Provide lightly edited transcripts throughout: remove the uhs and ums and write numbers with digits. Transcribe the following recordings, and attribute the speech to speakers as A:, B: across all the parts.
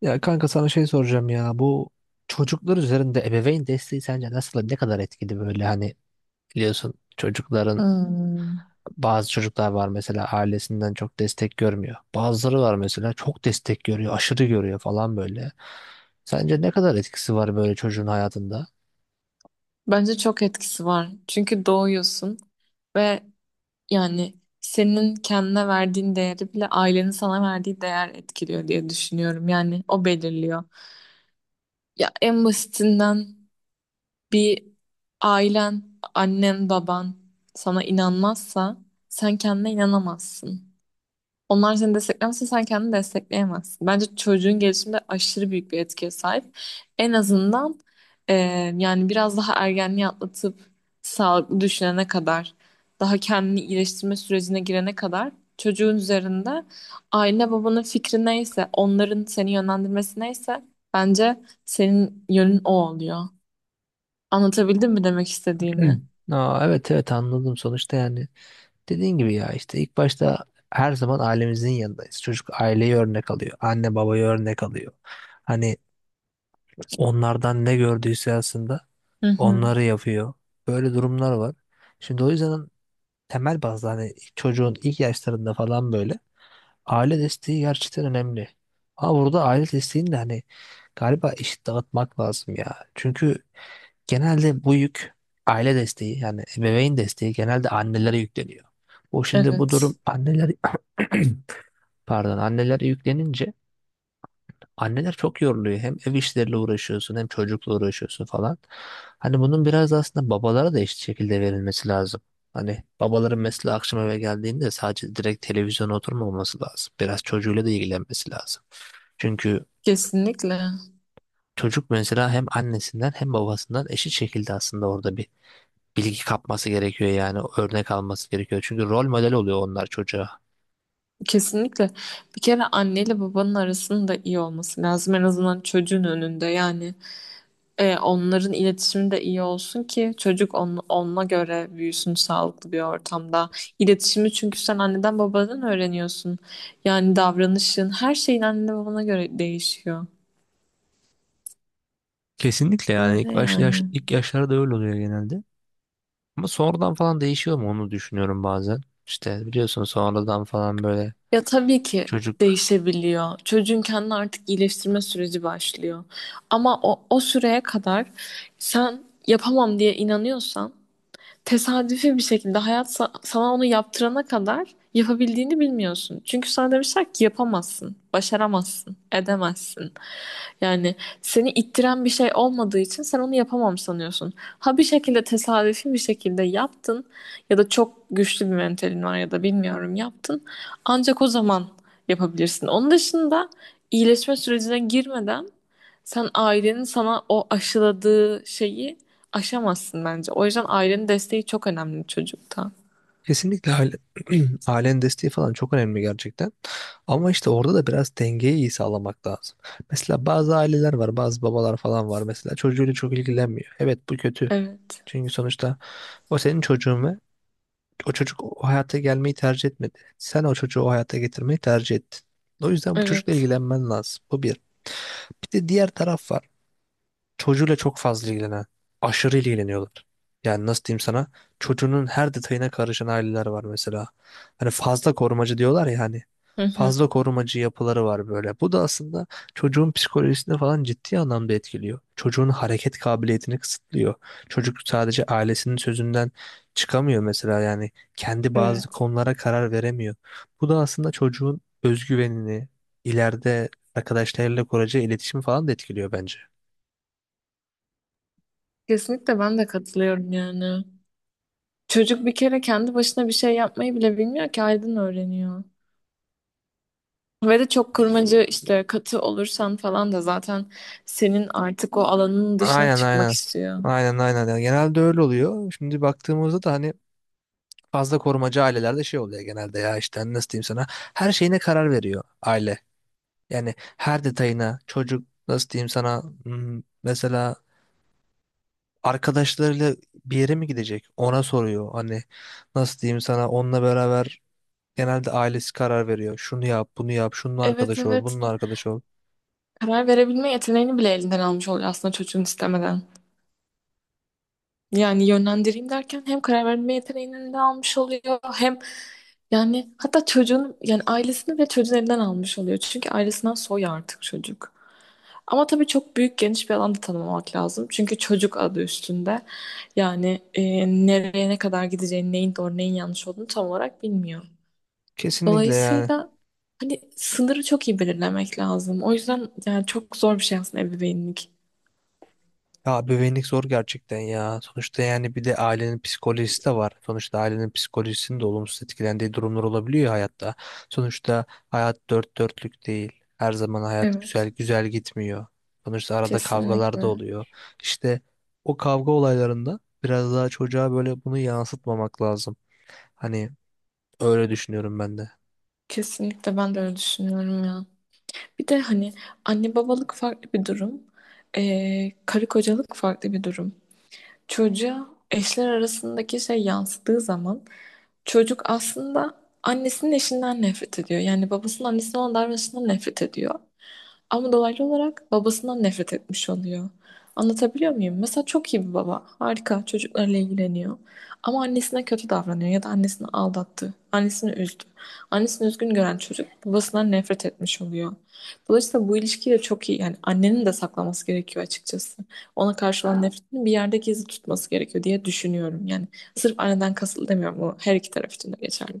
A: Ya kanka sana şey soracağım ya, bu çocuklar üzerinde ebeveyn desteği sence nasıl, ne kadar etkili böyle hani biliyorsun çocukların
B: Hmm.
A: bazı çocuklar var mesela, ailesinden çok destek görmüyor. Bazıları var mesela çok destek görüyor, aşırı görüyor falan böyle. Sence ne kadar etkisi var böyle çocuğun hayatında?
B: Bence çok etkisi var. Çünkü doğuyorsun ve yani senin kendine verdiğin değeri bile ailenin sana verdiği değer etkiliyor diye düşünüyorum. Yani o belirliyor. Ya en basitinden bir ailen, annen, baban sana inanmazsa sen kendine inanamazsın. Onlar seni desteklemezse sen kendini destekleyemezsin. Bence çocuğun gelişiminde aşırı büyük bir etkiye sahip. En azından e, yani biraz daha ergenliği atlatıp sağlıklı düşünene kadar, daha kendini iyileştirme sürecine girene kadar çocuğun üzerinde aile babanın fikri neyse, onların seni yönlendirmesi neyse bence senin yönün o oluyor. Anlatabildim mi demek
A: Evet.
B: istediğimi?
A: Evet, evet, anladım. Sonuçta yani dediğin gibi, ya işte ilk başta her zaman ailemizin yanındayız. Çocuk aileyi örnek alıyor, anne babayı örnek alıyor. Hani onlardan ne gördüyse aslında
B: Hı hı.
A: onları yapıyor. Böyle durumlar var. Şimdi o yüzden temel bazda hani çocuğun ilk yaşlarında falan böyle aile desteği gerçekten önemli. Ama burada aile desteğini de hani galiba eşit dağıtmak lazım ya. Çünkü genelde bu yük, aile desteği yani ebeveyn desteği genelde annelere yükleniyor. O şimdi bu
B: Evet,
A: durum anneler pardon, annelere yüklenince anneler çok yoruluyor. Hem ev işleriyle uğraşıyorsun, hem çocukla uğraşıyorsun falan. Hani bunun biraz da aslında babalara da eşit şekilde verilmesi lazım. Hani babaların mesela akşam eve geldiğinde sadece direkt televizyona oturmaması lazım. Biraz çocuğuyla da ilgilenmesi lazım. Çünkü
B: kesinlikle.
A: çocuk mesela hem annesinden hem babasından eşit şekilde aslında orada bir bilgi kapması gerekiyor, yani örnek alması gerekiyor. Çünkü rol model oluyor onlar çocuğa.
B: Kesinlikle. Bir kere anneyle babanın arasının da iyi olması lazım. En azından çocuğun önünde. Yani onların iletişimi de iyi olsun ki çocuk onunla göre büyüsün sağlıklı bir ortamda. İletişimi çünkü sen anneden babadan öğreniyorsun. Yani davranışın her şeyin annene babana göre değişiyor.
A: Kesinlikle. Yani
B: Öyle
A: ilk
B: yani.
A: ilk yaşlarda öyle oluyor genelde. Ama sonradan falan değişiyor mu onu düşünüyorum bazen. İşte biliyorsun sonradan falan böyle
B: Ya tabii ki
A: çocuk.
B: değişebiliyor. Çocuğun kendini artık iyileştirme süreci başlıyor. Ama o süreye kadar sen yapamam diye inanıyorsan tesadüfi bir şekilde sana onu yaptırana kadar yapabildiğini bilmiyorsun. Çünkü sana demişler ki yapamazsın, başaramazsın, edemezsin. Yani seni ittiren bir şey olmadığı için sen onu yapamam sanıyorsun. Ha bir şekilde tesadüfi bir şekilde yaptın ya da çok güçlü bir mentalin var ya da bilmiyorum yaptın. Ancak o zaman yapabilirsin. Onun dışında iyileşme sürecine girmeden sen ailenin sana o aşıladığı şeyi aşamazsın bence. O yüzden ailenin desteği çok önemli çocukta.
A: Kesinlikle aile, ailenin desteği falan çok önemli gerçekten. Ama işte orada da biraz dengeyi iyi sağlamak lazım. Mesela bazı aileler var, bazı babalar falan var mesela çocuğuyla çok ilgilenmiyor. Evet, bu kötü.
B: Evet.
A: Çünkü sonuçta o senin çocuğun ve o çocuk o hayata gelmeyi tercih etmedi. Sen o çocuğu o hayata getirmeyi tercih ettin. O yüzden bu çocukla
B: Evet.
A: ilgilenmen lazım. Bu bir. Bir de diğer taraf var. Çocuğuyla çok fazla ilgilenen, aşırı ilgileniyorlar. Yani nasıl diyeyim sana? Çocuğunun her detayına karışan aileler var mesela. Hani fazla korumacı diyorlar ya hani.
B: Hı hı.
A: Fazla korumacı yapıları var böyle. Bu da aslında çocuğun psikolojisini falan ciddi anlamda etkiliyor. Çocuğun hareket kabiliyetini kısıtlıyor. Çocuk sadece ailesinin sözünden çıkamıyor mesela yani. Kendi bazı
B: Evet.
A: konulara karar veremiyor. Bu da aslında çocuğun özgüvenini, ileride arkadaşlarıyla kuracağı iletişimi falan da etkiliyor bence.
B: Kesinlikle ben de katılıyorum yani. Çocuk bir kere kendi başına bir şey yapmayı bile bilmiyor ki Aydın öğreniyor. Ve de çok kurmacı işte katı olursan falan da zaten senin artık o alanının dışına
A: Aynen,
B: çıkmak
A: aynen.
B: istiyor.
A: Aynen, aynen. Yani genelde öyle oluyor. Şimdi baktığımızda da hani fazla korumacı ailelerde şey oluyor genelde, ya işte hani nasıl diyeyim sana, her şeyine karar veriyor aile. Yani her detayına, çocuk nasıl diyeyim sana, mesela arkadaşlarıyla bir yere mi gidecek, ona soruyor. Hani nasıl diyeyim sana, onunla beraber genelde ailesi karar veriyor. Şunu yap, bunu yap, şununla
B: Evet
A: arkadaş ol,
B: evet.
A: bununla arkadaş ol.
B: Karar verebilme yeteneğini bile elinden almış oluyor aslında çocuğun istemeden. Yani yönlendireyim derken hem karar verme yeteneğini de almış oluyor hem yani hatta çocuğun yani ailesini ve çocuğun elinden almış oluyor. Çünkü ailesinden soy artık çocuk. Ama tabii çok büyük geniş bir alanda tanımlamak lazım. Çünkü çocuk adı üstünde. Yani nereye ne kadar gideceğini, neyin doğru neyin yanlış olduğunu tam olarak bilmiyor.
A: Kesinlikle yani.
B: Dolayısıyla hani sınırı çok iyi belirlemek lazım. O yüzden yani çok zor bir şey aslında ebeveynlik.
A: Ya bebeğinlik zor gerçekten ya. Sonuçta yani bir de ailenin psikolojisi de var. Sonuçta ailenin psikolojisinin de olumsuz etkilendiği durumlar olabiliyor ya hayatta. Sonuçta hayat dört dörtlük değil. Her zaman hayat güzel
B: Evet,
A: güzel gitmiyor. Sonuçta arada kavgalar da
B: kesinlikle.
A: oluyor. İşte o kavga olaylarında biraz daha çocuğa böyle bunu yansıtmamak lazım. Hani öyle düşünüyorum ben de.
B: Kesinlikle ben de öyle düşünüyorum ya. Bir de hani anne babalık farklı bir durum. Karı kocalık farklı bir durum. Çocuğa eşler arasındaki şey yansıdığı zaman çocuk aslında annesinin eşinden nefret ediyor. Yani babasının annesinin olan davranışından nefret ediyor. Ama dolaylı olarak babasından nefret etmiş oluyor. Anlatabiliyor muyum? Mesela çok iyi bir baba. Harika. Çocuklarla ilgileniyor. Ama annesine kötü davranıyor ya da annesini aldattı. Annesini üzdü. Annesini üzgün gören çocuk babasından nefret etmiş oluyor. Dolayısıyla bu ilişkiyi de çok iyi. Yani annenin de saklaması gerekiyor açıkçası. Ona karşı olan nefretini bir yerde gizli tutması gerekiyor diye düşünüyorum. Yani sırf anneden kasıtlı demiyorum. Bu her iki taraf için de geçerli.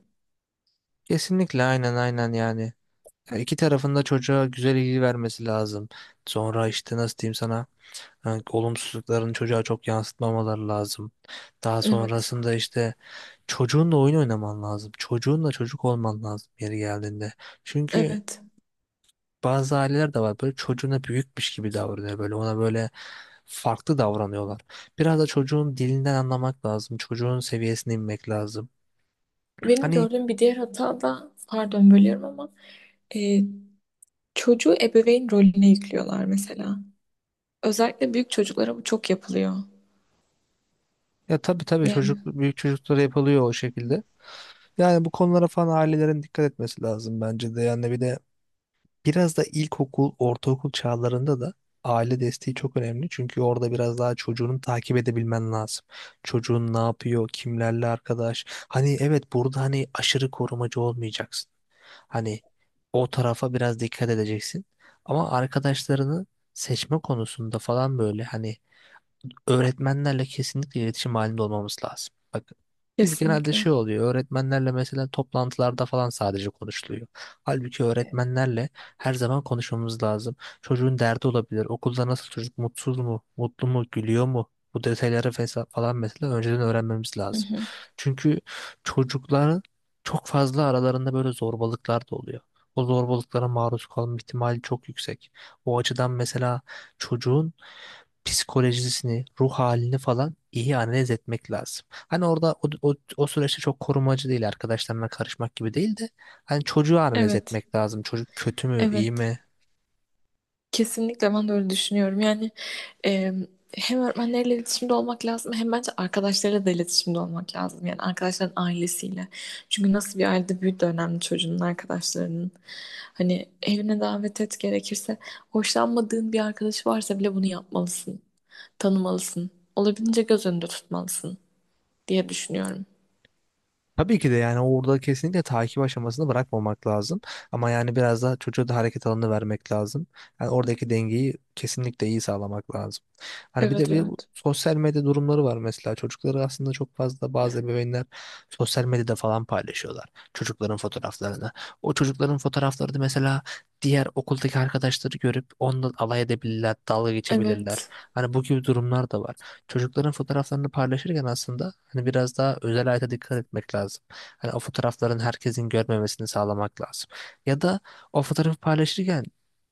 A: Kesinlikle aynen aynen yani. Ya İki tarafında çocuğa güzel ilgi vermesi lazım. Sonra işte nasıl diyeyim sana? Yani olumsuzluklarını çocuğa çok yansıtmamaları lazım. Daha
B: Evet,
A: sonrasında işte çocuğunla oyun oynaman lazım. Çocuğunla çocuk olman lazım yeri geldiğinde. Çünkü
B: evet.
A: bazı aileler de var böyle çocuğuna büyükmüş gibi davranıyor, böyle ona böyle farklı davranıyorlar. Biraz da çocuğun dilinden anlamak lazım. Çocuğun seviyesine inmek lazım.
B: Benim
A: Hani,
B: gördüğüm bir diğer hata da, pardon bölüyorum ama e, çocuğu ebeveyn rolüne yüklüyorlar mesela. Özellikle büyük çocuklara bu çok yapılıyor.
A: ya tabii tabii,
B: Yani
A: büyük çocuklara yapılıyor o şekilde. Yani bu konulara falan ailelerin dikkat etmesi lazım bence de. Yani bir de biraz da ilkokul, ortaokul çağlarında da aile desteği çok önemli. Çünkü orada biraz daha çocuğunu takip edebilmen lazım. Çocuğun ne yapıyor, kimlerle arkadaş. Hani evet, burada hani aşırı korumacı olmayacaksın. Hani o tarafa biraz dikkat edeceksin. Ama arkadaşlarını seçme konusunda falan böyle hani öğretmenlerle kesinlikle iletişim halinde olmamız lazım. Bak, biz genelde
B: kesinlikle.
A: şey oluyor, öğretmenlerle mesela toplantılarda falan sadece konuşuluyor. Halbuki öğretmenlerle her zaman konuşmamız lazım. Çocuğun derdi olabilir. Okulda nasıl, çocuk mutsuz mu, mutlu mu, gülüyor mu? Bu detayları falan mesela önceden öğrenmemiz
B: Hı
A: lazım.
B: hı.
A: Çünkü çocukların çok fazla aralarında böyle zorbalıklar da oluyor. O zorbalıklara maruz kalma ihtimali çok yüksek. O açıdan mesela çocuğun psikolojisini, ruh halini falan iyi analiz etmek lazım. Hani orada o süreçte çok korumacı değil, arkadaşlarına karışmak gibi değil de hani çocuğu analiz
B: Evet,
A: etmek lazım. Çocuk kötü mü, iyi
B: evet.
A: mi?
B: Kesinlikle ben de öyle düşünüyorum. Yani Ee, hem öğretmenlerle iletişimde olmak lazım hem bence arkadaşlarıyla da iletişimde olmak lazım. Yani arkadaşların ailesiyle. Çünkü nasıl bir ailede büyüdü önemli çocuğunun arkadaşlarının. Hani evine davet et gerekirse hoşlanmadığın bir arkadaşı varsa bile bunu yapmalısın. Tanımalısın. Olabildiğince göz önünde tutmalısın diye düşünüyorum.
A: Tabii ki de yani orada kesinlikle takip aşamasını bırakmamak lazım. Ama yani biraz daha çocuğa da hareket alanı vermek lazım. Yani oradaki dengeyi kesinlikle iyi sağlamak lazım. Hani bir de
B: Evet
A: bir
B: evet.
A: sosyal medya durumları var mesela. Çocukları aslında çok fazla bazı ebeveynler sosyal medyada falan paylaşıyorlar. Çocukların fotoğraflarını. O çocukların fotoğrafları da mesela diğer okuldaki arkadaşları görüp ondan alay edebilirler, dalga geçebilirler.
B: Evet.
A: Hani bu gibi durumlar da var, çocukların fotoğraflarını paylaşırken aslında hani biraz daha özel hayata dikkat etmek lazım. Hani o fotoğrafların herkesin görmemesini sağlamak lazım. Ya da o fotoğrafı paylaşırken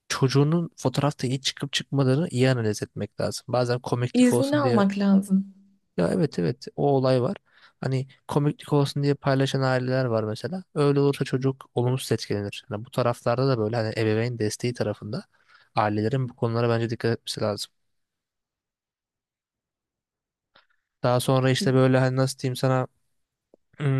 A: çocuğunun fotoğrafta iyi çıkıp çıkmadığını iyi analiz etmek lazım. Bazen komiklik
B: İznini
A: olsun diye,
B: almak lazım.
A: ya evet evet o olay var. Hani komiklik olsun diye paylaşan aileler var mesela. Öyle olursa çocuk olumsuz etkilenir. Hani bu taraflarda da böyle hani ebeveyn desteği tarafında ailelerin bu konulara bence dikkat etmesi lazım. Daha sonra işte böyle hani nasıl diyeyim sana,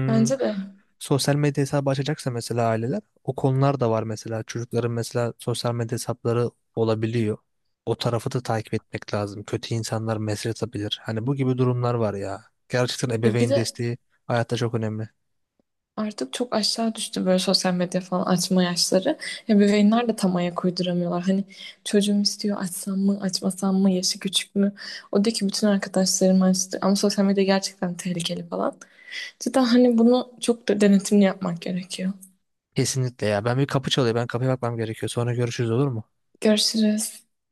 B: Bence de.
A: sosyal medya hesabı açacaksa mesela aileler, o konular da var mesela, çocukların mesela sosyal medya hesapları olabiliyor. O tarafı da takip etmek lazım. Kötü insanlar mesaj atabilir. Hani bu gibi durumlar var ya. Gerçekten
B: Ya bir
A: ebeveyn
B: de
A: desteği hayatta çok önemli.
B: artık çok aşağı düştü böyle sosyal medya falan açma yaşları. Ebeveynler de tam ayak uyduramıyorlar. Hani çocuğum istiyor açsam mı açmasam mı yaşı küçük mü? O diyor ki bütün arkadaşlarım açtı ama sosyal medya gerçekten tehlikeli falan. Cidden hani bunu çok da denetimli yapmak gerekiyor.
A: Kesinlikle ya. Ben, bir kapı çalıyor. Ben kapıya bakmam gerekiyor. Sonra görüşürüz, olur mu?
B: Görüşürüz.